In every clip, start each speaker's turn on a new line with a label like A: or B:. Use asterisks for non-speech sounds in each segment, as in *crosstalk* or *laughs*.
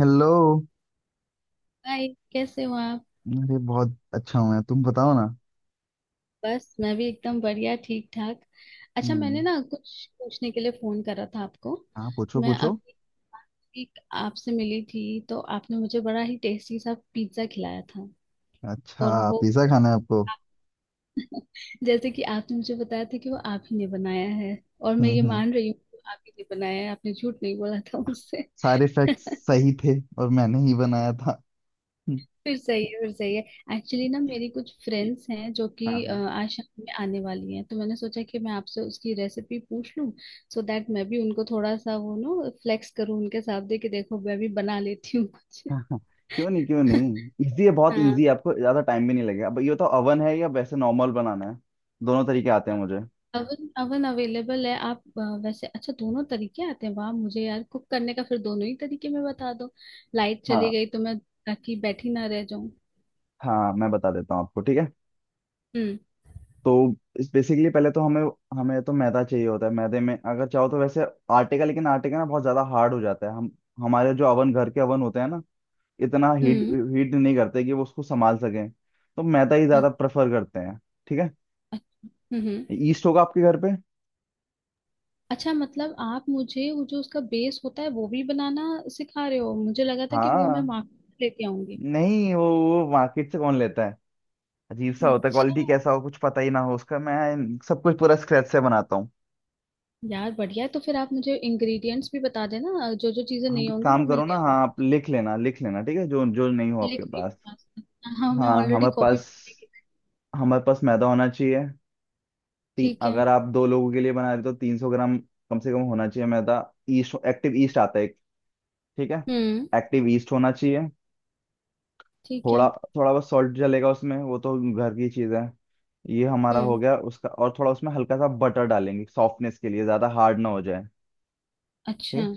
A: Hello.
B: Hi. कैसे हो आप?
A: अरे बहुत अच्छा हूँ मैं, तुम बताओ ना।
B: बस मैं भी एकदम बढ़िया, ठीक ठाक। अच्छा,
A: हम्म।
B: मैंने ना कुछ पूछने के लिए फोन करा था आपको।
A: हाँ पूछो
B: मैं
A: पूछो।
B: अभी एक आपसे मिली थी, तो आपने मुझे बड़ा ही टेस्टी सा पिज्जा खिलाया था।
A: अच्छा
B: और वो
A: पिज्जा खाना है आपको।
B: *laughs* जैसे कि आपने मुझे बताया था कि वो आप ही ने बनाया है, और मैं ये
A: हम्म।
B: मान रही हूँ कि आप ही ने बनाया है, आपने झूठ नहीं बोला था मुझसे।
A: सारे फैक्ट्स
B: *laughs*
A: सही थे और मैंने ही बनाया था। हम्म,
B: फिर सही है, फिर सही है। एक्चुअली ना, मेरी कुछ फ्रेंड्स हैं जो कि
A: हाँ।
B: आज शाम में आने वाली हैं, तो मैंने सोचा कि मैं आपसे उसकी रेसिपी पूछ लूं। सो दैट मैं भी उनको थोड़ा सा वो नो फ्लेक्स करूं उनके सामने कि देखो मैं भी बना लेती हूँ कुछ।
A: हाँ, क्यों नहीं क्यों
B: *laughs*
A: नहीं, इजी है, बहुत
B: हाँ।
A: इजी है, आपको ज्यादा टाइम भी नहीं लगेगा। अब ये तो ओवन है या वैसे नॉर्मल बनाना है? दोनों तरीके आते हैं मुझे।
B: अवन अवन अवेलेबल है। आप वैसे अच्छा, दोनों तरीके आते हैं। वाह! मुझे यार कुक करने का, फिर दोनों ही तरीके में बता दो। लाइट चली
A: हाँ,
B: गई तो मैं, ताकि बैठी ना रह जाऊं।
A: हाँ मैं बता देता हूँ आपको ठीक है।
B: हम्म,
A: तो बेसिकली पहले तो हमें हमें तो मैदा चाहिए होता है। मैदे में, अगर चाहो तो वैसे आटे का, लेकिन आटे का ना बहुत ज्यादा हार्ड हो जाता है। हम हमारे जो अवन, घर के अवन होते हैं ना, इतना हीट
B: हम्म।
A: हीट नहीं करते कि वो उसको संभाल सकें, तो मैदा ही ज्यादा
B: ओके।
A: प्रेफर करते हैं। ठीक है।
B: अच्छा। हम्म, हम्म।
A: ईस्ट होगा आपके घर पे?
B: अच्छा, मतलब आप मुझे वो जो उसका बेस होता है वो भी बनाना सिखा रहे हो? मुझे लगा था कि वो मैं
A: हाँ।
B: मार्केट लेके आऊंगी।
A: नहीं, वो मार्केट से कौन लेता है, अजीब सा होता है, क्वालिटी
B: अच्छा,
A: कैसा हो कुछ पता ही ना हो उसका। मैं सब कुछ पूरा स्क्रैच से बनाता हूँ।
B: यार बढ़िया है। तो फिर आप मुझे इंग्रेडिएंट्स भी बता देना, जो जो चीजें
A: आप
B: नहीं
A: एक
B: होंगी वो
A: काम
B: मैं
A: करो ना,
B: ले
A: हाँ
B: आऊंगी।
A: आप लिख लेना, ठीक है, जो जो नहीं हो
B: लिख
A: आपके
B: रही
A: पास।
B: हूँ। हाँ, मैं
A: हाँ,
B: ऑलरेडी
A: हमारे
B: कॉपी।
A: पास हमारे पास मैदा होना चाहिए।
B: ठीक है।
A: अगर आप दो लोगों के लिए बना रहे हो तो 300 ग्राम कम से कम होना चाहिए मैदा। ईस्ट एक्टिव ईस्ट आता है एक, ठीक है,
B: हम्म।
A: एक्टिव ईस्ट होना चाहिए।
B: ठीक
A: थोड़ा
B: है।
A: थोड़ा बहुत सॉल्ट जलेगा उसमें, वो तो घर की चीज़ है। ये हमारा हो
B: हम्म।
A: गया उसका, और थोड़ा उसमें हल्का सा बटर डालेंगे सॉफ्टनेस के लिए, ज़्यादा हार्ड ना हो जाए। ठीक
B: अच्छा।
A: है।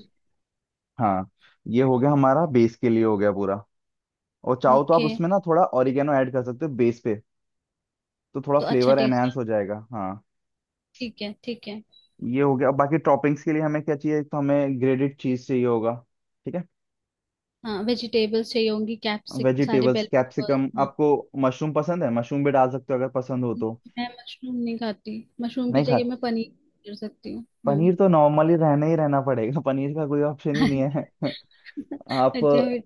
A: हाँ, ये हो गया, हमारा बेस के लिए हो गया पूरा। और चाहो तो आप
B: ओके।
A: उसमें ना थोड़ा ऑरिगेनो ऐड कर सकते हो बेस पे, तो थोड़ा
B: तो अच्छा
A: फ्लेवर
B: टेस्ट।
A: एनहेंस हो जाएगा। हाँ,
B: ठीक है, ठीक है।
A: ये हो गया। बाकी टॉपिंग्स के लिए हमें क्या चाहिए, तो हमें ग्रेटेड चीज चाहिए होगा। ठीक है।
B: हाँ, वेजिटेबल्स चाहिए होंगी, कैप्सिक सारे
A: वेजिटेबल्स,
B: बेल
A: कैप्सिकम,
B: पेपर।
A: आपको मशरूम पसंद है? मशरूम भी डाल सकते हो अगर पसंद हो तो।
B: मैं मशरूम नहीं खाती, मशरूम की
A: नहीं खा?
B: जगह मैं पनीर कर सकती हूँ, हाँ।
A: पनीर तो नॉर्मली रहना ही रहना पड़ेगा। *laughs* पनीर का कोई ऑप्शन ही नहीं है।
B: *laughs*
A: *laughs* आप,
B: अच्छा, फिर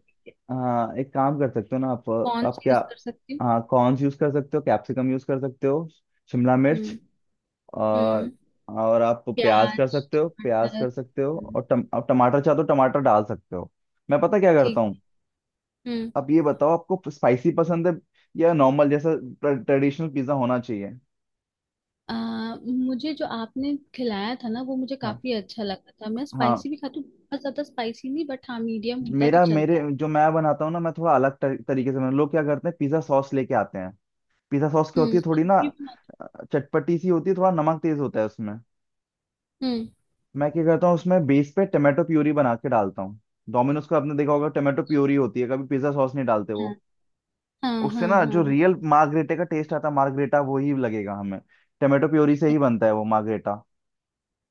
A: हाँ एक काम कर सकते हो ना आप।
B: कौन
A: आप
B: सी
A: क्या,
B: यूज कर सकती हूँ?
A: हाँ कॉर्न्स यूज कर सकते हो, कैप्सिकम यूज कर सकते हो, शिमला मिर्च।
B: हम्म,
A: और
B: हम्म।
A: और आप प्याज कर
B: प्याज
A: सकते हो,
B: टमाटर। हम्म।
A: और आप टमाटर चाहो तो टमाटर डाल सकते हो। मैं पता क्या करता
B: ठीक।
A: हूँ,
B: हम्म।
A: अब ये बताओ, आपको स्पाइसी पसंद है या नॉर्मल जैसा ट्रेडिशनल पिज्जा होना चाहिए?
B: मुझे जो आपने खिलाया था ना वो मुझे
A: हाँ,
B: काफी अच्छा लगा था। मैं
A: हाँ।
B: स्पाइसी भी खाती हूँ, बहुत ज्यादा स्पाइसी नहीं, बट हाँ, मीडियम होता है तो
A: मेरा मेरे
B: चलता है।
A: जो मैं बनाता हूँ ना, मैं थोड़ा अलग तरीके से बनाता। लोग क्या करते हैं, पिज्जा सॉस लेके आते हैं। पिज्जा सॉस क्या होती
B: हम्म,
A: है, थोड़ी ना अ, चटपटी सी होती है, थोड़ा नमक तेज होता है उसमें।
B: हम्म।
A: मैं क्या करता हूँ, उसमें बेस पे टमाटो प्यूरी बना के डालता हूँ। डोमिनोज का आपने देखा होगा, टमाटो प्यूरी होती है, कभी पिज्जा सॉस नहीं डालते
B: हाँ,
A: वो।
B: हाँ,
A: उससे
B: हाँ,
A: ना जो
B: हाँ, हाँ।
A: रियल मार्गरेटे का टेस्ट आता है, मार्गरेटा वो ही लगेगा हमें। टमाटो प्योरी से
B: अ-
A: ही बनता है वो मार्गरेटा।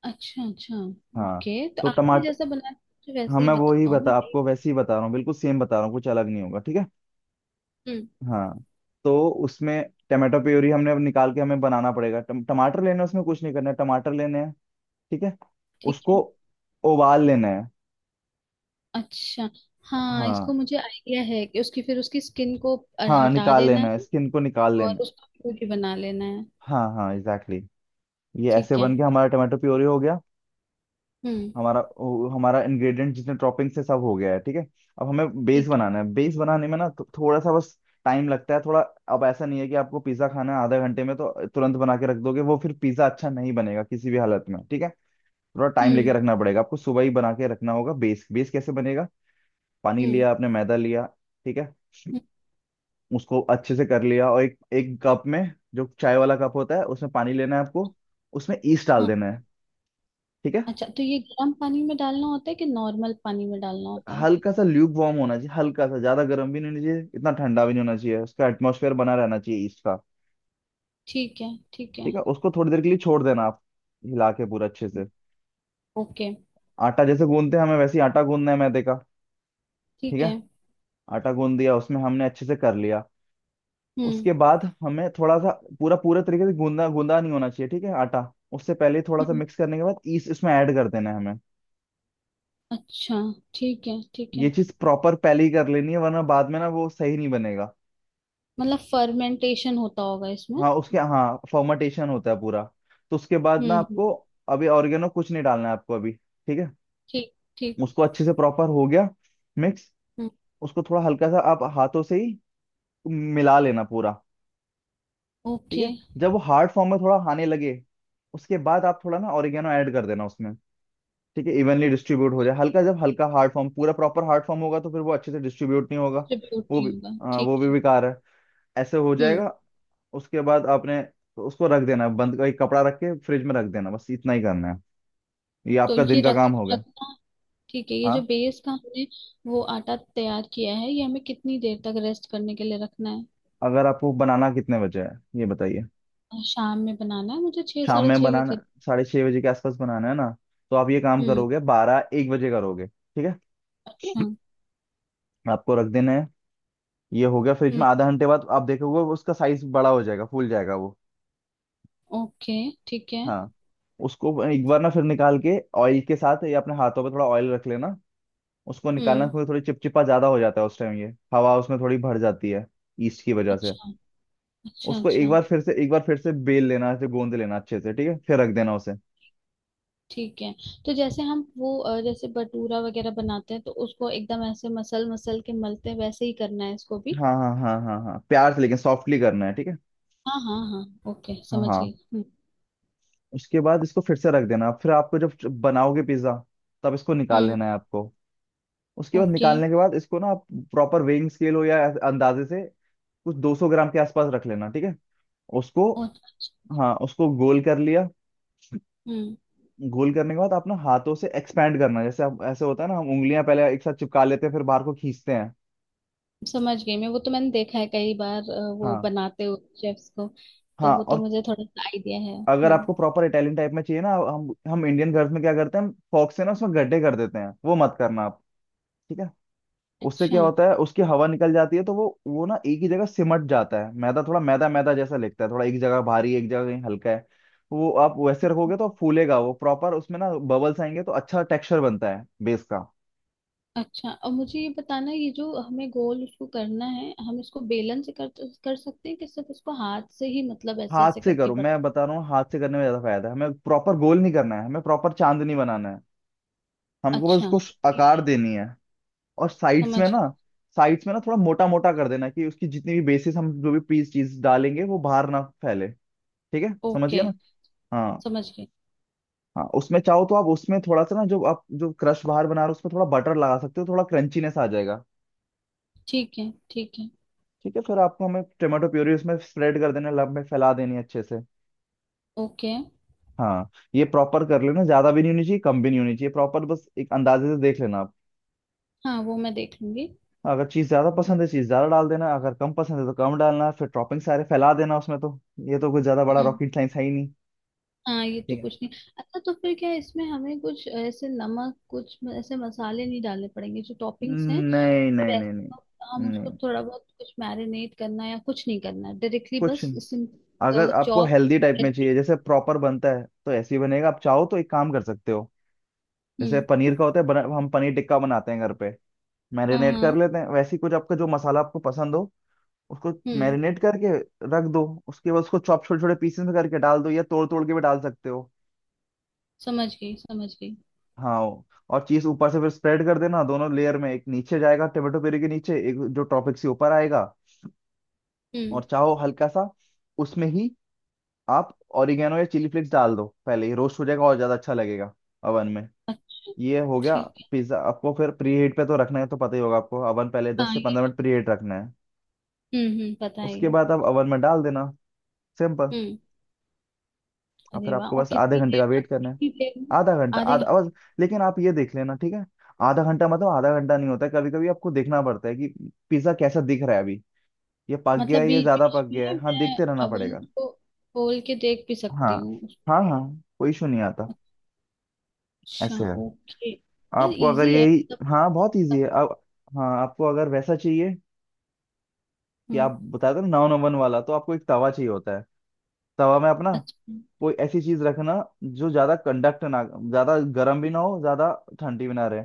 B: अच्छा, अच्छा।
A: हाँ।
B: ओके, तो
A: तो
B: आपने
A: टमाट
B: जैसा बनाया था, मुझे
A: हाँ
B: वैसे ही
A: मैं वो ही
B: बताओ, मैं
A: बता,
B: भी।
A: आपको वैसे ही बता रहा हूँ, बिल्कुल सेम बता रहा हूँ, कुछ अलग नहीं होगा। ठीक है।
B: हम्म।
A: हाँ, तो उसमें टमाटो प्योरी हमने, अब निकाल के हमें बनाना पड़ेगा। टमाटर लेने हैं, उसमें कुछ नहीं करना है, टमाटर लेने हैं। ठीक है।
B: ठीक
A: उसको
B: है।
A: उबाल लेना है।
B: अच्छा। हाँ, इसको
A: हाँ,
B: मुझे आइडिया है कि उसकी स्किन को
A: हाँ
B: हटा
A: निकाल
B: देना
A: लेना है,
B: है।
A: स्किन को निकाल
B: और
A: लेना है।
B: उसका प्यूरी बना लेना है।
A: हाँ हाँ एग्जैक्टली exactly। ये ऐसे
B: ठीक है।
A: बन के हमारा टमाटो प्योरी हो गया।
B: हम्म।
A: हमारा वो, हमारा इंग्रेडिएंट जितने टॉपिंग से सब हो गया है, ठीक है। अब हमें बेस
B: ठीक है।
A: बनाना है। बेस बनाने में ना थोड़ा सा बस टाइम लगता है थोड़ा। अब ऐसा नहीं है कि आपको पिज्जा खाना है आधा घंटे में तो तुरंत बना के रख दोगे, वो फिर पिज्जा अच्छा नहीं बनेगा किसी भी हालत में, ठीक है। थोड़ा टाइम
B: हम्म,
A: लेके रखना पड़ेगा आपको, सुबह ही बना के रखना होगा बेस। बेस कैसे बनेगा, पानी
B: हम्म,
A: लिया आपने, मैदा लिया, ठीक है,
B: हम्म।
A: उसको अच्छे से कर लिया, और एक, एक कप में, जो चाय वाला कप होता है, उसमें पानी लेना है आपको, उसमें ईस्ट डाल
B: हाँ।
A: देना है। ठीक है।
B: अच्छा, तो ये गर्म पानी में डालना होता है कि नॉर्मल पानी में डालना होता है?
A: हल्का सा ल्यूक वार्म होना चाहिए, हल्का सा, ज्यादा गर्म भी नहीं होना चाहिए, इतना ठंडा भी नहीं होना चाहिए, उसका एटमोसफेयर बना रहना चाहिए ईस्ट का।
B: ठीक है, ठीक है।
A: ठीक है। उसको थोड़ी देर के लिए छोड़ देना आप, हिला के पूरा अच्छे से।
B: ओके।
A: आटा जैसे गूंदते हैं हमें वैसे ही आटा गूंदना है मैदे का। ठीक
B: ठीक
A: है।
B: है।
A: आटा गूंद दिया, उसमें हमने अच्छे से कर लिया।
B: हम्म,
A: उसके बाद हमें थोड़ा सा, पूरा पूरे तरीके से गूंदा गूंदा नहीं होना चाहिए, ठीक है आटा, उससे पहले ही थोड़ा सा
B: हम्म।
A: मिक्स करने के बाद ईस्ट इसमें ऐड कर देना है हमें।
B: अच्छा। ठीक है, ठीक
A: ये
B: है।
A: चीज प्रॉपर पहले ही कर लेनी है वरना बाद में ना वो सही नहीं बनेगा।
B: मतलब फर्मेंटेशन होता होगा इसमें?
A: हाँ, उसके हाँ फर्मेंटेशन होता है पूरा। तो उसके बाद
B: हम्म,
A: ना
B: हम्म।
A: आपको, अभी ऑर्गेनो कुछ नहीं डालना है आपको अभी ठीक है।
B: ठीक, ठीक।
A: उसको अच्छे से प्रॉपर हो गया मिक्स,
B: हम्म।
A: उसको थोड़ा हल्का सा आप हाथों से ही मिला लेना पूरा। ठीक
B: ओके।
A: है। जब वो हार्ड फॉर्म में थोड़ा आने लगे, उसके बाद आप थोड़ा ना ऑरिगेनो ऐड कर देना उसमें, ठीक है, इवनली डिस्ट्रीब्यूट हो जाए हल्का। जब हल्का हार्ड फॉर्म, पूरा प्रॉपर हार्ड फॉर्म होगा तो फिर वो अच्छे से डिस्ट्रीब्यूट नहीं होगा, वो भी
B: डिस्ट्रीब्यूट होगा, ठीक
A: वो भी
B: है।
A: बेकार है, ऐसे हो
B: हम्म।
A: जाएगा। उसके बाद आपने उसको रख देना है, बंद एक कपड़ा रख के फ्रिज में रख देना, बस इतना ही करना है। ये
B: तो
A: आपका
B: ये
A: दिन का
B: रख
A: काम हो गया।
B: रखना ठीक है। ये जो
A: हाँ।
B: बेस का हमने वो आटा तैयार किया है, ये हमें कितनी देर तक रेस्ट करने के लिए रखना है?
A: अगर आपको बनाना कितने बजे है, ये बताइए।
B: शाम में बनाना है मुझे, छः
A: शाम
B: साढ़े
A: में
B: छः के
A: बनाना,
B: करीब।
A: 6:30 बजे के आसपास बनाना है ना, तो आप ये काम
B: हम्म।
A: करोगे 12-1 बजे, करोगे ठीक है।
B: अच्छा।
A: *clears throat* आपको रख देना है, ये हो गया फ्रिज
B: हम्म।
A: में। आधा घंटे बाद आप देखोगे वो उसका साइज बड़ा हो जाएगा, फूल जाएगा वो।
B: ओके। ठीक है।
A: हाँ। उसको एक बार ना फिर निकाल के ऑयल के साथ, या अपने हाथों पे थोड़ा ऑयल रख लेना, उसको निकालना,
B: हम्म।
A: फिर थोड़ी चिपचिपा ज्यादा हो जाता है उस टाइम ये, हवा उसमें थोड़ी भर जाती है ईस्ट की वजह से।
B: अच्छा, अच्छा,
A: उसको एक
B: अच्छा।
A: बार फिर से, बेल लेना, ऐसे गोंद लेना अच्छे से, ठीक है, फिर रख देना उसे।
B: ठीक है। तो जैसे हम वो जैसे भटूरा वगैरह बनाते हैं तो उसको एकदम ऐसे मसल मसल के मलते हैं, वैसे ही करना है इसको भी।
A: हाँ हाँ हाँ हाँ हाँ, प्यार से लेकिन, सॉफ्टली करना है ठीक है।
B: हाँ, हाँ, हाँ, ओके,
A: हाँ
B: समझ
A: हाँ।
B: गई। हम्म।
A: उसके बाद इसको फिर से रख देना, फिर आपको जब बनाओगे पिज्जा तब इसको निकाल
B: हम्म।
A: लेना है आपको। उसके बाद
B: ओके।
A: निकालने के बाद इसको ना आप, प्रॉपर वेइंग स्केल हो या ऐसे अंदाजे से, कुछ 200 ग्राम के आसपास रख लेना ठीक है उसको।
B: और अच्छा।
A: हाँ, उसको गोल कर लिया।
B: हम्म।
A: गोल करने के बाद आप ना हाथों से एक्सपैंड करना, जैसे आप, ऐसे होता है ना, हम उंगलियां पहले एक साथ चिपका लेते हैं फिर बाहर को खींचते हैं।
B: समझ गई मैं, वो तो मैंने देखा है कई बार वो
A: हाँ,
B: बनाते हुए शेफ्स को। तो
A: हाँ।
B: वो तो
A: और
B: मुझे थोड़ा सा आइडिया है।
A: अगर
B: हम्म।
A: आपको प्रॉपर इटालियन टाइप में चाहिए ना, हम इंडियन घर में क्या करते हैं, हम फॉक्स से ना उसमें गड्ढे कर देते हैं, वो मत करना आप, ठीक है। उससे
B: अच्छा,
A: क्या होता है, उसकी हवा निकल जाती है तो वो ना एक ही जगह सिमट जाता है मैदा, थोड़ा मैदा मैदा जैसा लगता है, थोड़ा एक जगह भारी एक जगह कहीं हल्का है। वो आप वैसे रखोगे तो फूलेगा वो प्रॉपर, उसमें ना बबल्स आएंगे तो अच्छा टेक्सचर बनता है बेस का।
B: अच्छा। और मुझे ये बताना, ये जो हमें गोल उसको करना है, हम इसको बेलन से कर कर सकते हैं कि सिर्फ उसको हाथ से ही, मतलब ऐसे
A: हाथ
B: ऐसे
A: से
B: करके,
A: करो,
B: बट।
A: मैं बता रहा हूँ हाथ से करने में ज्यादा फायदा है। हमें प्रॉपर गोल नहीं करना है, हमें प्रॉपर चांदनी बनाना है, हमको बस
B: अच्छा।
A: उसको
B: ठीक
A: आकार
B: है।
A: देनी है। और साइड्स
B: समझ
A: में ना,
B: गई।
A: थोड़ा मोटा मोटा कर देना, कि उसकी जितनी भी बेसिस हम जो भी पीस चीज डालेंगे वो बाहर ना फैले। ठीक है, समझ
B: ओके,
A: गया ना। हाँ।
B: समझ गई।
A: हाँ उसमें चाहो तो आप उसमें थोड़ा सा ना, जो आप जो क्रश बाहर बना रहे हो उसमें थोड़ा बटर लगा सकते हो, थोड़ा क्रंचीनेस आ जाएगा।
B: ठीक है, ठीक है।
A: ठीक है, फिर आपको, हमें टोमेटो प्यूरी उसमें स्प्रेड कर देना, लब में फैला देनी है अच्छे से।
B: ओके।
A: हाँ। ये प्रॉपर कर लेना, ज्यादा भी नहीं होनी चाहिए कम भी नहीं होनी चाहिए, प्रॉपर बस एक अंदाजे से देख लेना आप।
B: हाँ, वो मैं देख लूंगी।
A: अगर चीज ज्यादा पसंद है चीज ज्यादा डाल देना, अगर कम पसंद है तो कम डालना, फिर टॉपिंग सारे फैला देना उसमें तो। ये तो कुछ ज्यादा बड़ा
B: हम्म।
A: रॉकेट साइंस है ही नहीं।
B: हाँ, ये तो
A: ठीक है।
B: कुछ नहीं। अच्छा, तो फिर क्या इसमें हमें कुछ ऐसे नमक, कुछ ऐसे मसाले नहीं डालने पड़ेंगे? जो टॉपिंग्स हैं
A: नहीं
B: तो
A: नहीं
B: वैसे,
A: नहीं नहीं,
B: तो हम उसको
A: नहीं
B: थोड़ा बहुत कुछ मैरिनेट करना है या कुछ नहीं करना है, डायरेक्टली
A: कुछ
B: बस
A: नहीं।
B: इसे
A: अगर आपको
B: चॉप
A: हेल्दी टाइप में चाहिए
B: करके?
A: जैसे प्रॉपर बनता है तो ऐसे ही बनेगा। आप चाहो तो एक काम कर सकते हो, जैसे
B: हम्म।
A: पनीर का होता है हम पनीर टिक्का बनाते हैं घर पे,
B: हाँ,
A: मैरिनेट कर
B: हाँ।
A: लेते हैं, वैसे ही कुछ आपका जो मसाला आपको पसंद हो उसको
B: हम्म।
A: मैरिनेट करके रख दो। उसके बाद उसको चॉप, छोटे छोटे पीसेस में करके डाल दो, या तोड़ तोड़ के भी डाल सकते हो।
B: समझ गई, समझ गई।
A: हाँ। और चीज ऊपर से फिर स्प्रेड कर देना दोनों लेयर में, एक नीचे जाएगा टोमेटो प्यूरी के नीचे, एक जो टॉपिक से ऊपर आएगा।
B: हम्म।
A: और चाहो हल्का सा उसमें ही आप ऑरिगेनो या चिली फ्लेक्स डाल दो, पहले ही रोस्ट हो जाएगा और ज्यादा अच्छा लगेगा अवन में।
B: अच्छा।
A: ये हो गया।
B: ठीक है।
A: पिज्जा आपको फिर प्री हीट पे तो रखना है, तो पता ही होगा आपको अवन पहले दस
B: हाँ,
A: से पंद्रह मिनट प्री हीट रखना है।
B: हम्म, हम्म, पता है
A: उसके
B: ये।
A: बाद आप अवन में डाल देना, सिंपल।
B: हम्म।
A: और फिर
B: अरे वाह!
A: आपको
B: और
A: बस आधे
B: कितनी
A: घंटे का
B: देर
A: वेट
B: तक,
A: करना है।
B: कितनी देर में?
A: आधा घंटा,
B: आधे,
A: आधा बस। लेकिन आप ये देख लेना ठीक है, आधा घंटा मतलब आधा घंटा नहीं होता है, कभी कभी आपको देखना पड़ता है कि पिज्जा कैसा दिख रहा है अभी, ये पक गया
B: मतलब
A: है, ये
B: बीच
A: ज्यादा पक
B: बीच
A: गया
B: में
A: है, हाँ
B: मैं
A: देखते रहना
B: अवन
A: पड़ेगा।
B: को खोल के देख भी
A: हाँ
B: सकती हूँ?
A: हाँ हाँ, कोई इशू नहीं आता।
B: अच्छा,
A: ऐसे है,
B: ओके, यार,
A: आपको अगर
B: इजी है,
A: यही,
B: मतलब
A: हाँ बहुत इजी
B: बहुत-।
A: है आप। हाँ आपको अगर वैसा चाहिए कि
B: हम्म।
A: आप बता दो, नौ नंबर वाला, तो आपको एक तवा चाहिए होता है। तवा में अपना
B: अच्छा,
A: कोई ऐसी चीज रखना जो ज्यादा कंडक्ट ना, ज्यादा गर्म भी ना हो ज्यादा, ठंडी भी ना रहे,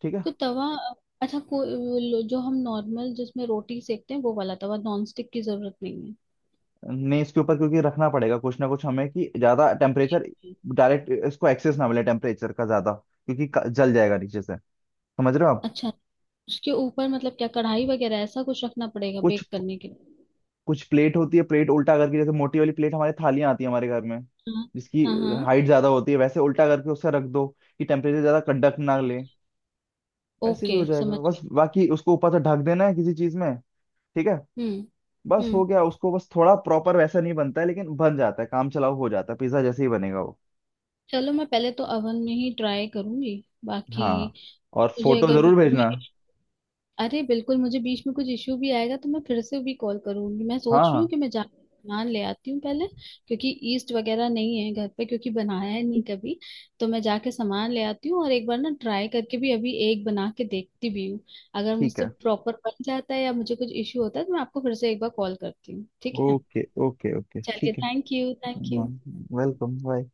A: ठीक है।
B: तो तवा? अच्छा, को वो जो हम नॉर्मल जिसमें रोटी सेकते हैं वो वाला तवा, नॉन स्टिक की जरूरत नहीं
A: नहीं, इसके ऊपर क्योंकि रखना पड़ेगा कुछ ना कुछ हमें, कि ज्यादा टेम्परेचर
B: है?
A: डायरेक्ट इसको एक्सेस ना मिले टेम्परेचर का ज्यादा, क्योंकि जल जाएगा नीचे से। समझ रहे हो आप।
B: अच्छा, उसके ऊपर मतलब क्या कढ़ाई वगैरह ऐसा कुछ रखना पड़ेगा
A: कुछ
B: बेक करने के लिए?
A: कुछ प्लेट होती है, प्लेट उल्टा करके, जैसे मोटी वाली प्लेट हमारे, थालियां आती है हमारे घर में
B: हाँ,
A: जिसकी
B: हाँ, हाँ,
A: हाइट ज्यादा होती है, वैसे उल्टा करके उससे रख दो, कि टेम्परेचर ज्यादा कड़क ना ले। वैसे भी
B: ओके,
A: हो जाएगा
B: समझ
A: बस,
B: गए।
A: बाकी उसको ऊपर से ढक देना है किसी चीज में। ठीक है।
B: हम्म,
A: बस हो
B: हम्म।
A: गया उसको, बस थोड़ा प्रॉपर वैसा नहीं बनता है लेकिन बन जाता है, काम चलाओ हो जाता है, पिज्जा जैसे ही बनेगा वो।
B: चलो, मैं पहले तो अवन में ही ट्राई करूंगी बाकी,
A: हाँ,
B: कुछ
A: और
B: मुझे
A: फोटो
B: अगर
A: जरूर
B: बीच में,
A: भेजना।
B: अरे बिल्कुल, मुझे बीच में कुछ इश्यू भी आएगा तो मैं फिर से भी कॉल करूंगी। मैं सोच
A: हाँ
B: रही हूँ
A: हाँ
B: कि मैं जा नान ले आती हूँ पहले, क्योंकि ईस्ट वगैरह नहीं है घर पे, क्योंकि बनाया है नहीं कभी। तो मैं जाके सामान ले आती हूँ और एक बार ना ट्राई करके भी अभी एक बना के देखती भी हूँ। अगर
A: ठीक
B: मुझसे
A: है,
B: प्रॉपर बन जाता है या मुझे कुछ इश्यू होता है तो मैं आपको फिर से एक बार कॉल करती हूँ, ठीक है?
A: ओके ओके ओके
B: चलिए,
A: ठीक है।
B: थैंक यू, थैंक
A: हाँ,
B: यू।
A: Welcome bye.